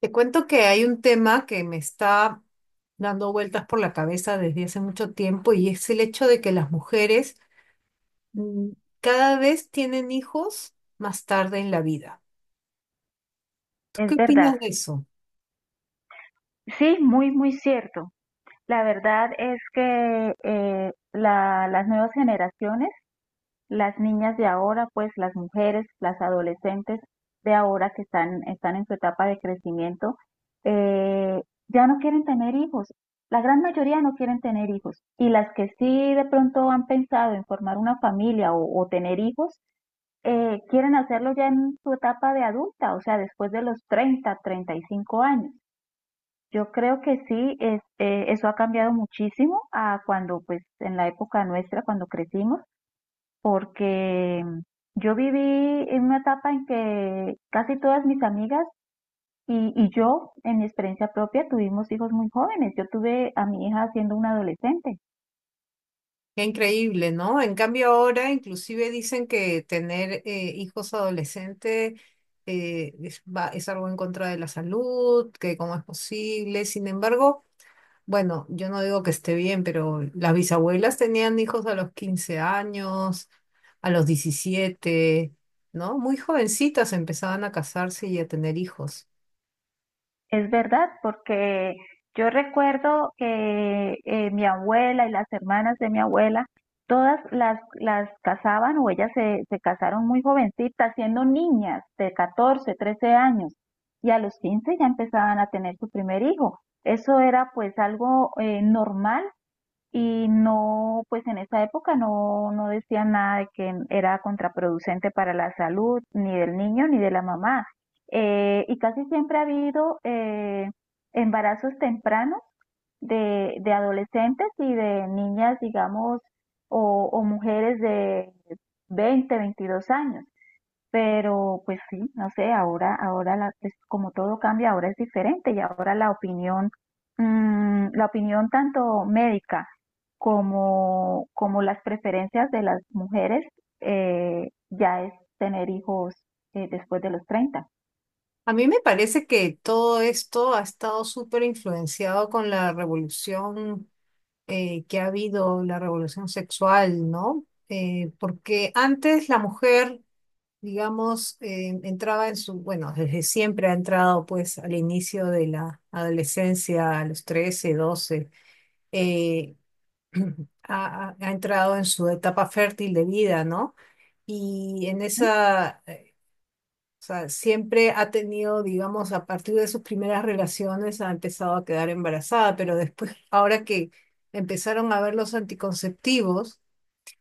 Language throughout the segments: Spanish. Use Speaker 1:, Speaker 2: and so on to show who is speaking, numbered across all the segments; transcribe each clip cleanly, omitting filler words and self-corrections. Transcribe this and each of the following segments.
Speaker 1: Te cuento que hay un tema que me está dando vueltas por la cabeza desde hace mucho tiempo y es el hecho de que las mujeres mm, cada vez tienen hijos más tarde en la vida. ¿Tú qué
Speaker 2: Es verdad,
Speaker 1: opinas de eso?
Speaker 2: sí, muy, muy cierto. La verdad es que las nuevas generaciones, las niñas de ahora, pues las mujeres, las adolescentes de ahora que están en su etapa de crecimiento, eh, ya no quieren tener hijos. La gran mayoría no quieren tener hijos. Y las que sí de pronto han pensado en formar una familia o tener hijos, quieren hacerlo ya en su etapa de adulta, o sea, después de los treinta, treinta y cinco años. Yo creo que sí, eso ha cambiado muchísimo a cuando, pues, en la época nuestra, cuando crecimos, porque yo viví en una etapa en que casi todas mis amigas y yo, en mi experiencia propia, tuvimos hijos muy jóvenes. Yo tuve a mi hija siendo una adolescente.
Speaker 1: Qué increíble, ¿no? En cambio ahora inclusive dicen que tener hijos adolescentes es, es algo en contra de la salud, que cómo es posible. Sin embargo, bueno, yo no digo que esté bien, pero las bisabuelas tenían hijos a los 15 años, a los 17, ¿no? Muy jovencitas empezaban a casarse y a tener hijos.
Speaker 2: Es verdad, porque yo recuerdo que mi abuela y las hermanas de mi abuela, las casaban o se casaron muy jovencitas, siendo niñas de 14, 13 años, y a los 15 ya empezaban a tener su primer hijo. Eso era pues algo normal y no, pues en esa época no decían nada de que era contraproducente para la salud, ni del niño ni de la mamá. Y casi siempre ha habido embarazos tempranos de adolescentes y de niñas, digamos, o mujeres de 20 22 años. Pero pues sí, no sé, pues, como todo cambia, ahora es diferente y ahora la opinión, la opinión tanto médica como las preferencias de las mujeres ya es tener hijos después de los treinta.
Speaker 1: A mí me parece que todo esto ha estado súper influenciado con la revolución que ha habido, la revolución sexual, ¿no? Porque antes la mujer, digamos, entraba en su, bueno, desde siempre ha entrado pues al inicio de la adolescencia, a los 13 doce, eh, ha entrado en su etapa fértil de vida, ¿no? Y en
Speaker 2: ¿Mm?
Speaker 1: esa, o sea, siempre ha tenido, digamos, a partir de sus primeras relaciones ha empezado a quedar embarazada, pero después, ahora que empezaron a ver los anticonceptivos,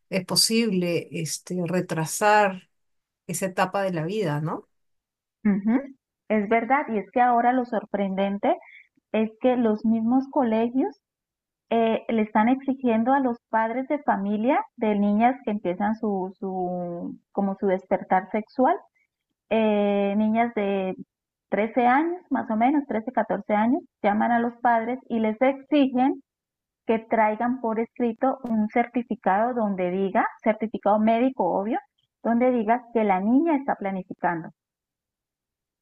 Speaker 1: es posible, retrasar esa etapa de la vida, ¿no?
Speaker 2: Ujú. Es verdad, y es que ahora lo sorprendente es que los mismos colegios le están exigiendo a los padres de familia de niñas que empiezan su como su despertar sexual, niñas de 13 años, más o menos, 13 14 años, llaman a los padres y les exigen que traigan por escrito un certificado donde diga, certificado médico obvio, donde diga que la niña está planificando.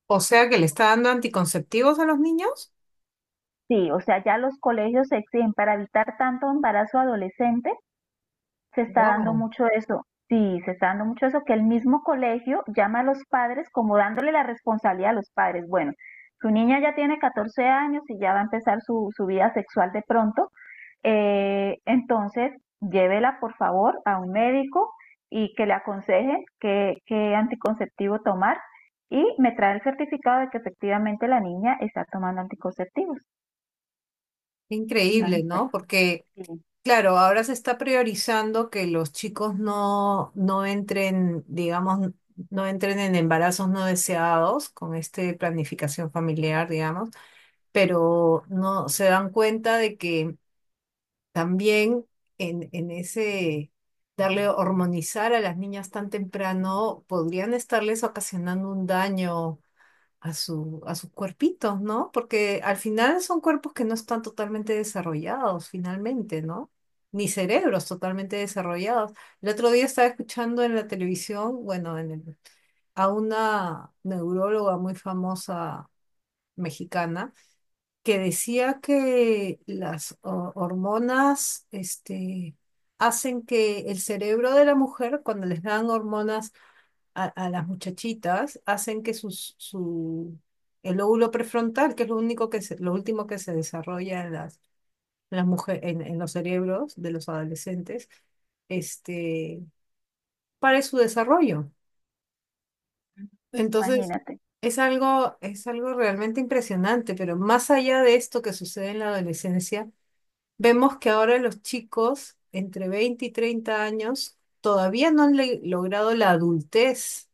Speaker 1: O sea que le está dando anticonceptivos a los niños.
Speaker 2: Sí, o sea, ya los colegios exigen para evitar tanto embarazo adolescente, se está dando
Speaker 1: Wow,
Speaker 2: mucho eso. Sí, se está dando mucho eso, que el mismo colegio llama a los padres como dándole la responsabilidad a los padres. Bueno, su niña ya tiene 14 años y ya va a empezar su vida sexual de pronto, entonces llévela por favor a un médico y que le aconseje qué anticonceptivo tomar y me trae el certificado de que efectivamente la niña está tomando anticonceptivos.
Speaker 1: increíble,
Speaker 2: Imagínate,
Speaker 1: ¿no? Porque,
Speaker 2: sí,
Speaker 1: claro, ahora se está priorizando que los chicos no entren, digamos, no entren en embarazos no deseados con esta planificación familiar, digamos, pero no se dan cuenta de que también en ese darle hormonizar a las niñas tan temprano podrían estarles ocasionando un daño a su, a sus cuerpitos, ¿no? Porque al final son cuerpos que no están totalmente desarrollados, finalmente, ¿no? Ni cerebros totalmente desarrollados. El otro día estaba escuchando en la televisión, bueno, en a una neuróloga muy famosa mexicana que decía que las hormonas, hacen que el cerebro de la mujer, cuando les dan hormonas a las muchachitas, hacen que sus, su, el lóbulo prefrontal, que es lo único lo último que se desarrolla en las mujer en los cerebros de los adolescentes, este, pare su desarrollo. Entonces,
Speaker 2: imagínate.
Speaker 1: es algo realmente impresionante, pero más allá de esto que sucede en la adolescencia, vemos que ahora los chicos entre 20 y 30 años todavía no han logrado la adultez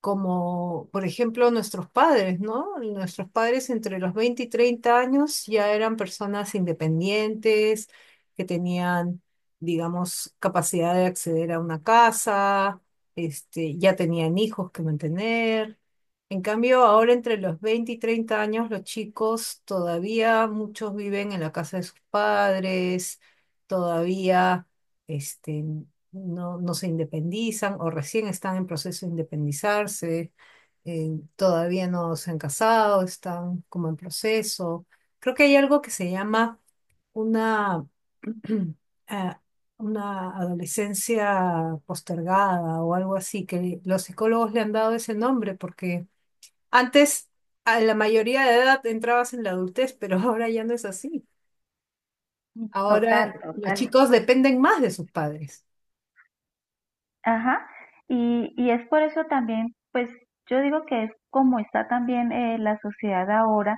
Speaker 1: como por ejemplo nuestros padres, ¿no? Nuestros padres entre los 20 y 30 años ya eran personas independientes, que tenían, digamos, capacidad de acceder a una casa, ya tenían hijos que mantener. En cambio, ahora entre los 20 y 30 años, los chicos todavía, muchos viven en la casa de sus padres, todavía, este, no se independizan o recién están en proceso de independizarse, eh, todavía no se han casado, están como en proceso. Creo que hay algo que se llama una, ah, una adolescencia postergada o algo así, que los psicólogos le han dado ese nombre porque antes a la mayoría de edad entrabas en la adultez, pero ahora ya no es así. Ahora
Speaker 2: Total,
Speaker 1: los
Speaker 2: total.
Speaker 1: chicos dependen más de sus padres.
Speaker 2: Ajá, y es por eso también, pues yo digo que es como está también la sociedad ahora,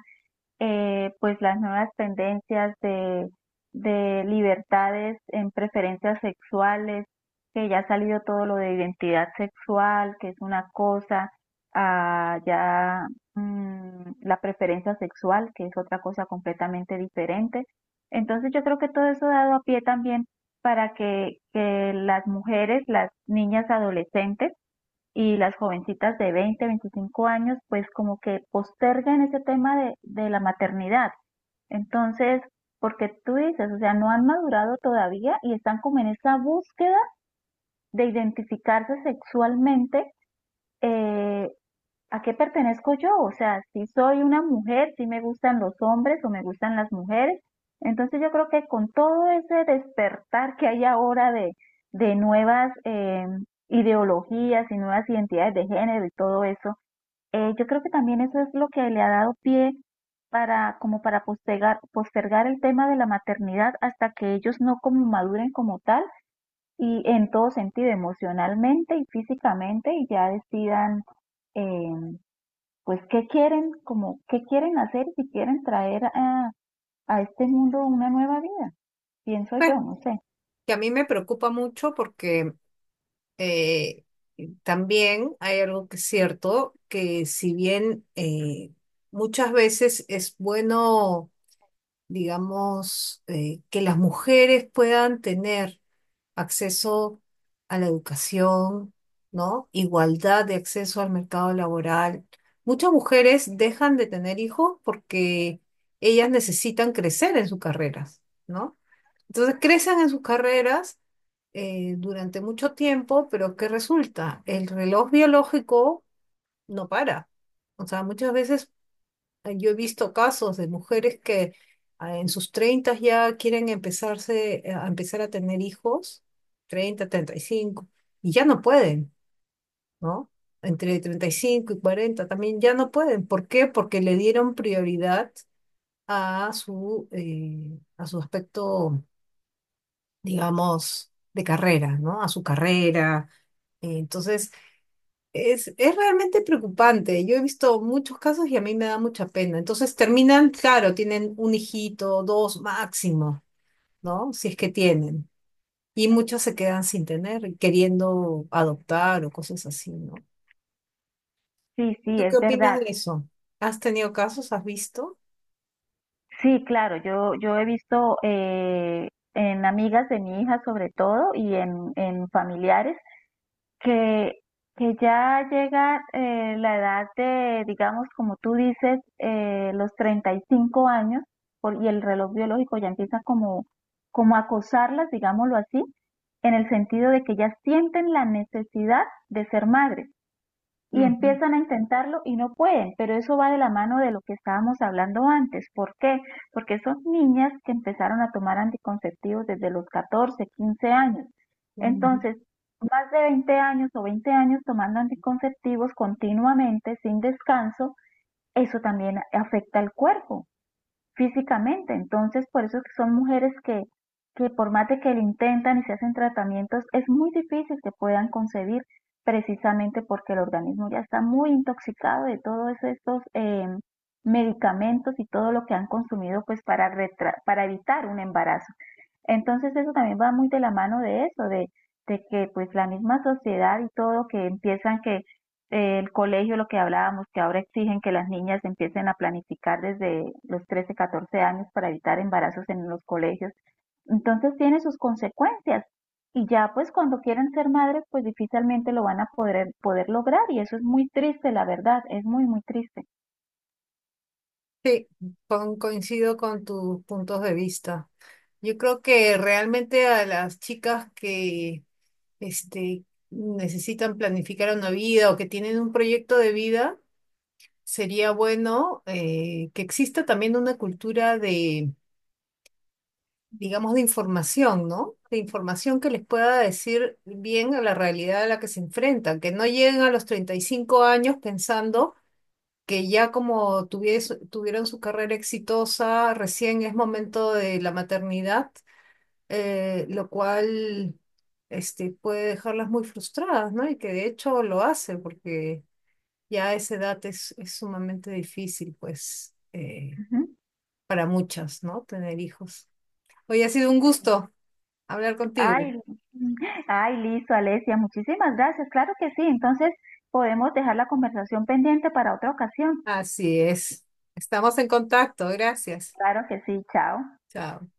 Speaker 2: pues las nuevas tendencias de libertades en preferencias sexuales, que ya ha salido todo lo de identidad sexual, que es una cosa, a ya la preferencia sexual, que es otra cosa completamente diferente. Entonces yo creo que todo eso ha dado a pie también para que las mujeres, las niñas adolescentes, y las jovencitas de 20 25 años, pues como que postergan ese tema de la maternidad. Entonces, porque tú dices, o sea, no han madurado todavía y están como en esa búsqueda de identificarse sexualmente, eh, ¿a qué pertenezco yo? O sea, si soy una mujer, si me gustan los hombres o me gustan las mujeres. Entonces yo creo que con todo ese despertar que hay ahora de nuevas ideologías y nuevas identidades de género y todo eso, yo creo que también eso es lo que le ha dado pie para como para postergar, postergar el tema de la maternidad hasta que ellos no como maduren como tal y en todo sentido, emocionalmente y físicamente, y ya decidan eh, pues qué quieren, como qué quieren hacer si quieren traer a este mundo una nueva vida, pienso yo, no sé.
Speaker 1: Que a mí me preocupa mucho porque eh, también hay algo que es cierto, que si bien, muchas veces es bueno, digamos, que las mujeres puedan tener acceso a la educación, ¿no? Igualdad de acceso al mercado laboral. Muchas mujeres dejan de tener hijos porque ellas necesitan crecer en sus carreras, ¿no? Entonces crecen en sus carreras durante mucho tiempo, pero ¿qué resulta? El reloj biológico no para. O sea, muchas veces, yo he visto casos de mujeres que en sus 30 ya quieren empezar a tener hijos, 30, 35, y ya no pueden, ¿no? Entre 35 y 40 también ya no pueden. ¿Por qué? Porque le dieron prioridad a su aspecto, digamos, de carrera, ¿no? A su carrera. Entonces, es realmente preocupante. Yo he visto muchos casos y a mí me da mucha pena. Entonces, terminan, claro, tienen un hijito, dos máximo, ¿no? Si es que tienen. Y muchos se quedan sin tener, y queriendo adoptar o cosas así, ¿no?
Speaker 2: Sí, sí,
Speaker 1: ¿Tú qué
Speaker 2: es
Speaker 1: opinas
Speaker 2: verdad.
Speaker 1: de eso? ¿Has tenido casos? ¿Has visto?
Speaker 2: Sí, claro, yo he visto en amigas de mi hija sobre todo y en familiares que, que ya llega la edad de, digamos, como tú dices, los 35 años por- y el reloj biológico ya empieza como a acosarlas, digámoslo así, en el sentido de que ya sienten la necesidad de ser madres y
Speaker 1: Ujú,
Speaker 2: empiezan a intentarlo y no pueden, pero eso va de la mano de lo que estábamos hablando antes. ¿Por qué? Porque son niñas que empezaron a tomar anticonceptivos desde los 14, 15 años.
Speaker 1: ujú.
Speaker 2: Entonces, más de 20 años o 20 años tomando anticonceptivos continuamente, sin descanso, eso también afecta al cuerpo físicamente. Entonces, por eso es que son mujeres que por más de que lo intentan y se hacen tratamientos, es muy difícil que puedan concebir precisamente porque el organismo ya está muy intoxicado de todos estos medicamentos y todo lo que han consumido pues para, para evitar un embarazo. Entonces eso también va muy de la mano de eso, de que pues la misma sociedad y todo que empiezan que el colegio, lo que hablábamos, que ahora exigen que las niñas empiecen a planificar desde los 13, 14 años para evitar embarazos en los colegios. Entonces tiene sus consecuencias y ya pues cuando quieren ser madres pues difícilmente lo van a poder, poder lograr y eso es muy triste, la verdad, es muy, muy triste.
Speaker 1: Con- coincido con tus puntos de vista. Yo creo que realmente a las chicas que, este, necesitan planificar una vida o que tienen un proyecto de vida, sería bueno que exista también una cultura de, digamos, de información, ¿no? De información que les pueda decir bien a la realidad a la que se enfrentan, que no lleguen a los 35 años pensando que ya como tuvieron su carrera exitosa, recién es momento de la maternidad, lo cual, puede dejarlas muy frustradas, ¿no? Y que de hecho lo hace, porque ya a esa edad es sumamente difícil, pues,
Speaker 2: Ujú.
Speaker 1: para muchas, ¿no? Tener hijos. Hoy ha sido un gusto hablar contigo.
Speaker 2: Ay, ay, listo, Alesia, muchísimas gracias. Claro que sí, entonces podemos dejar la conversación pendiente para otra ocasión.
Speaker 1: Así es. Estamos en contacto. Gracias.
Speaker 2: Claro que sí, chao.
Speaker 1: Chao.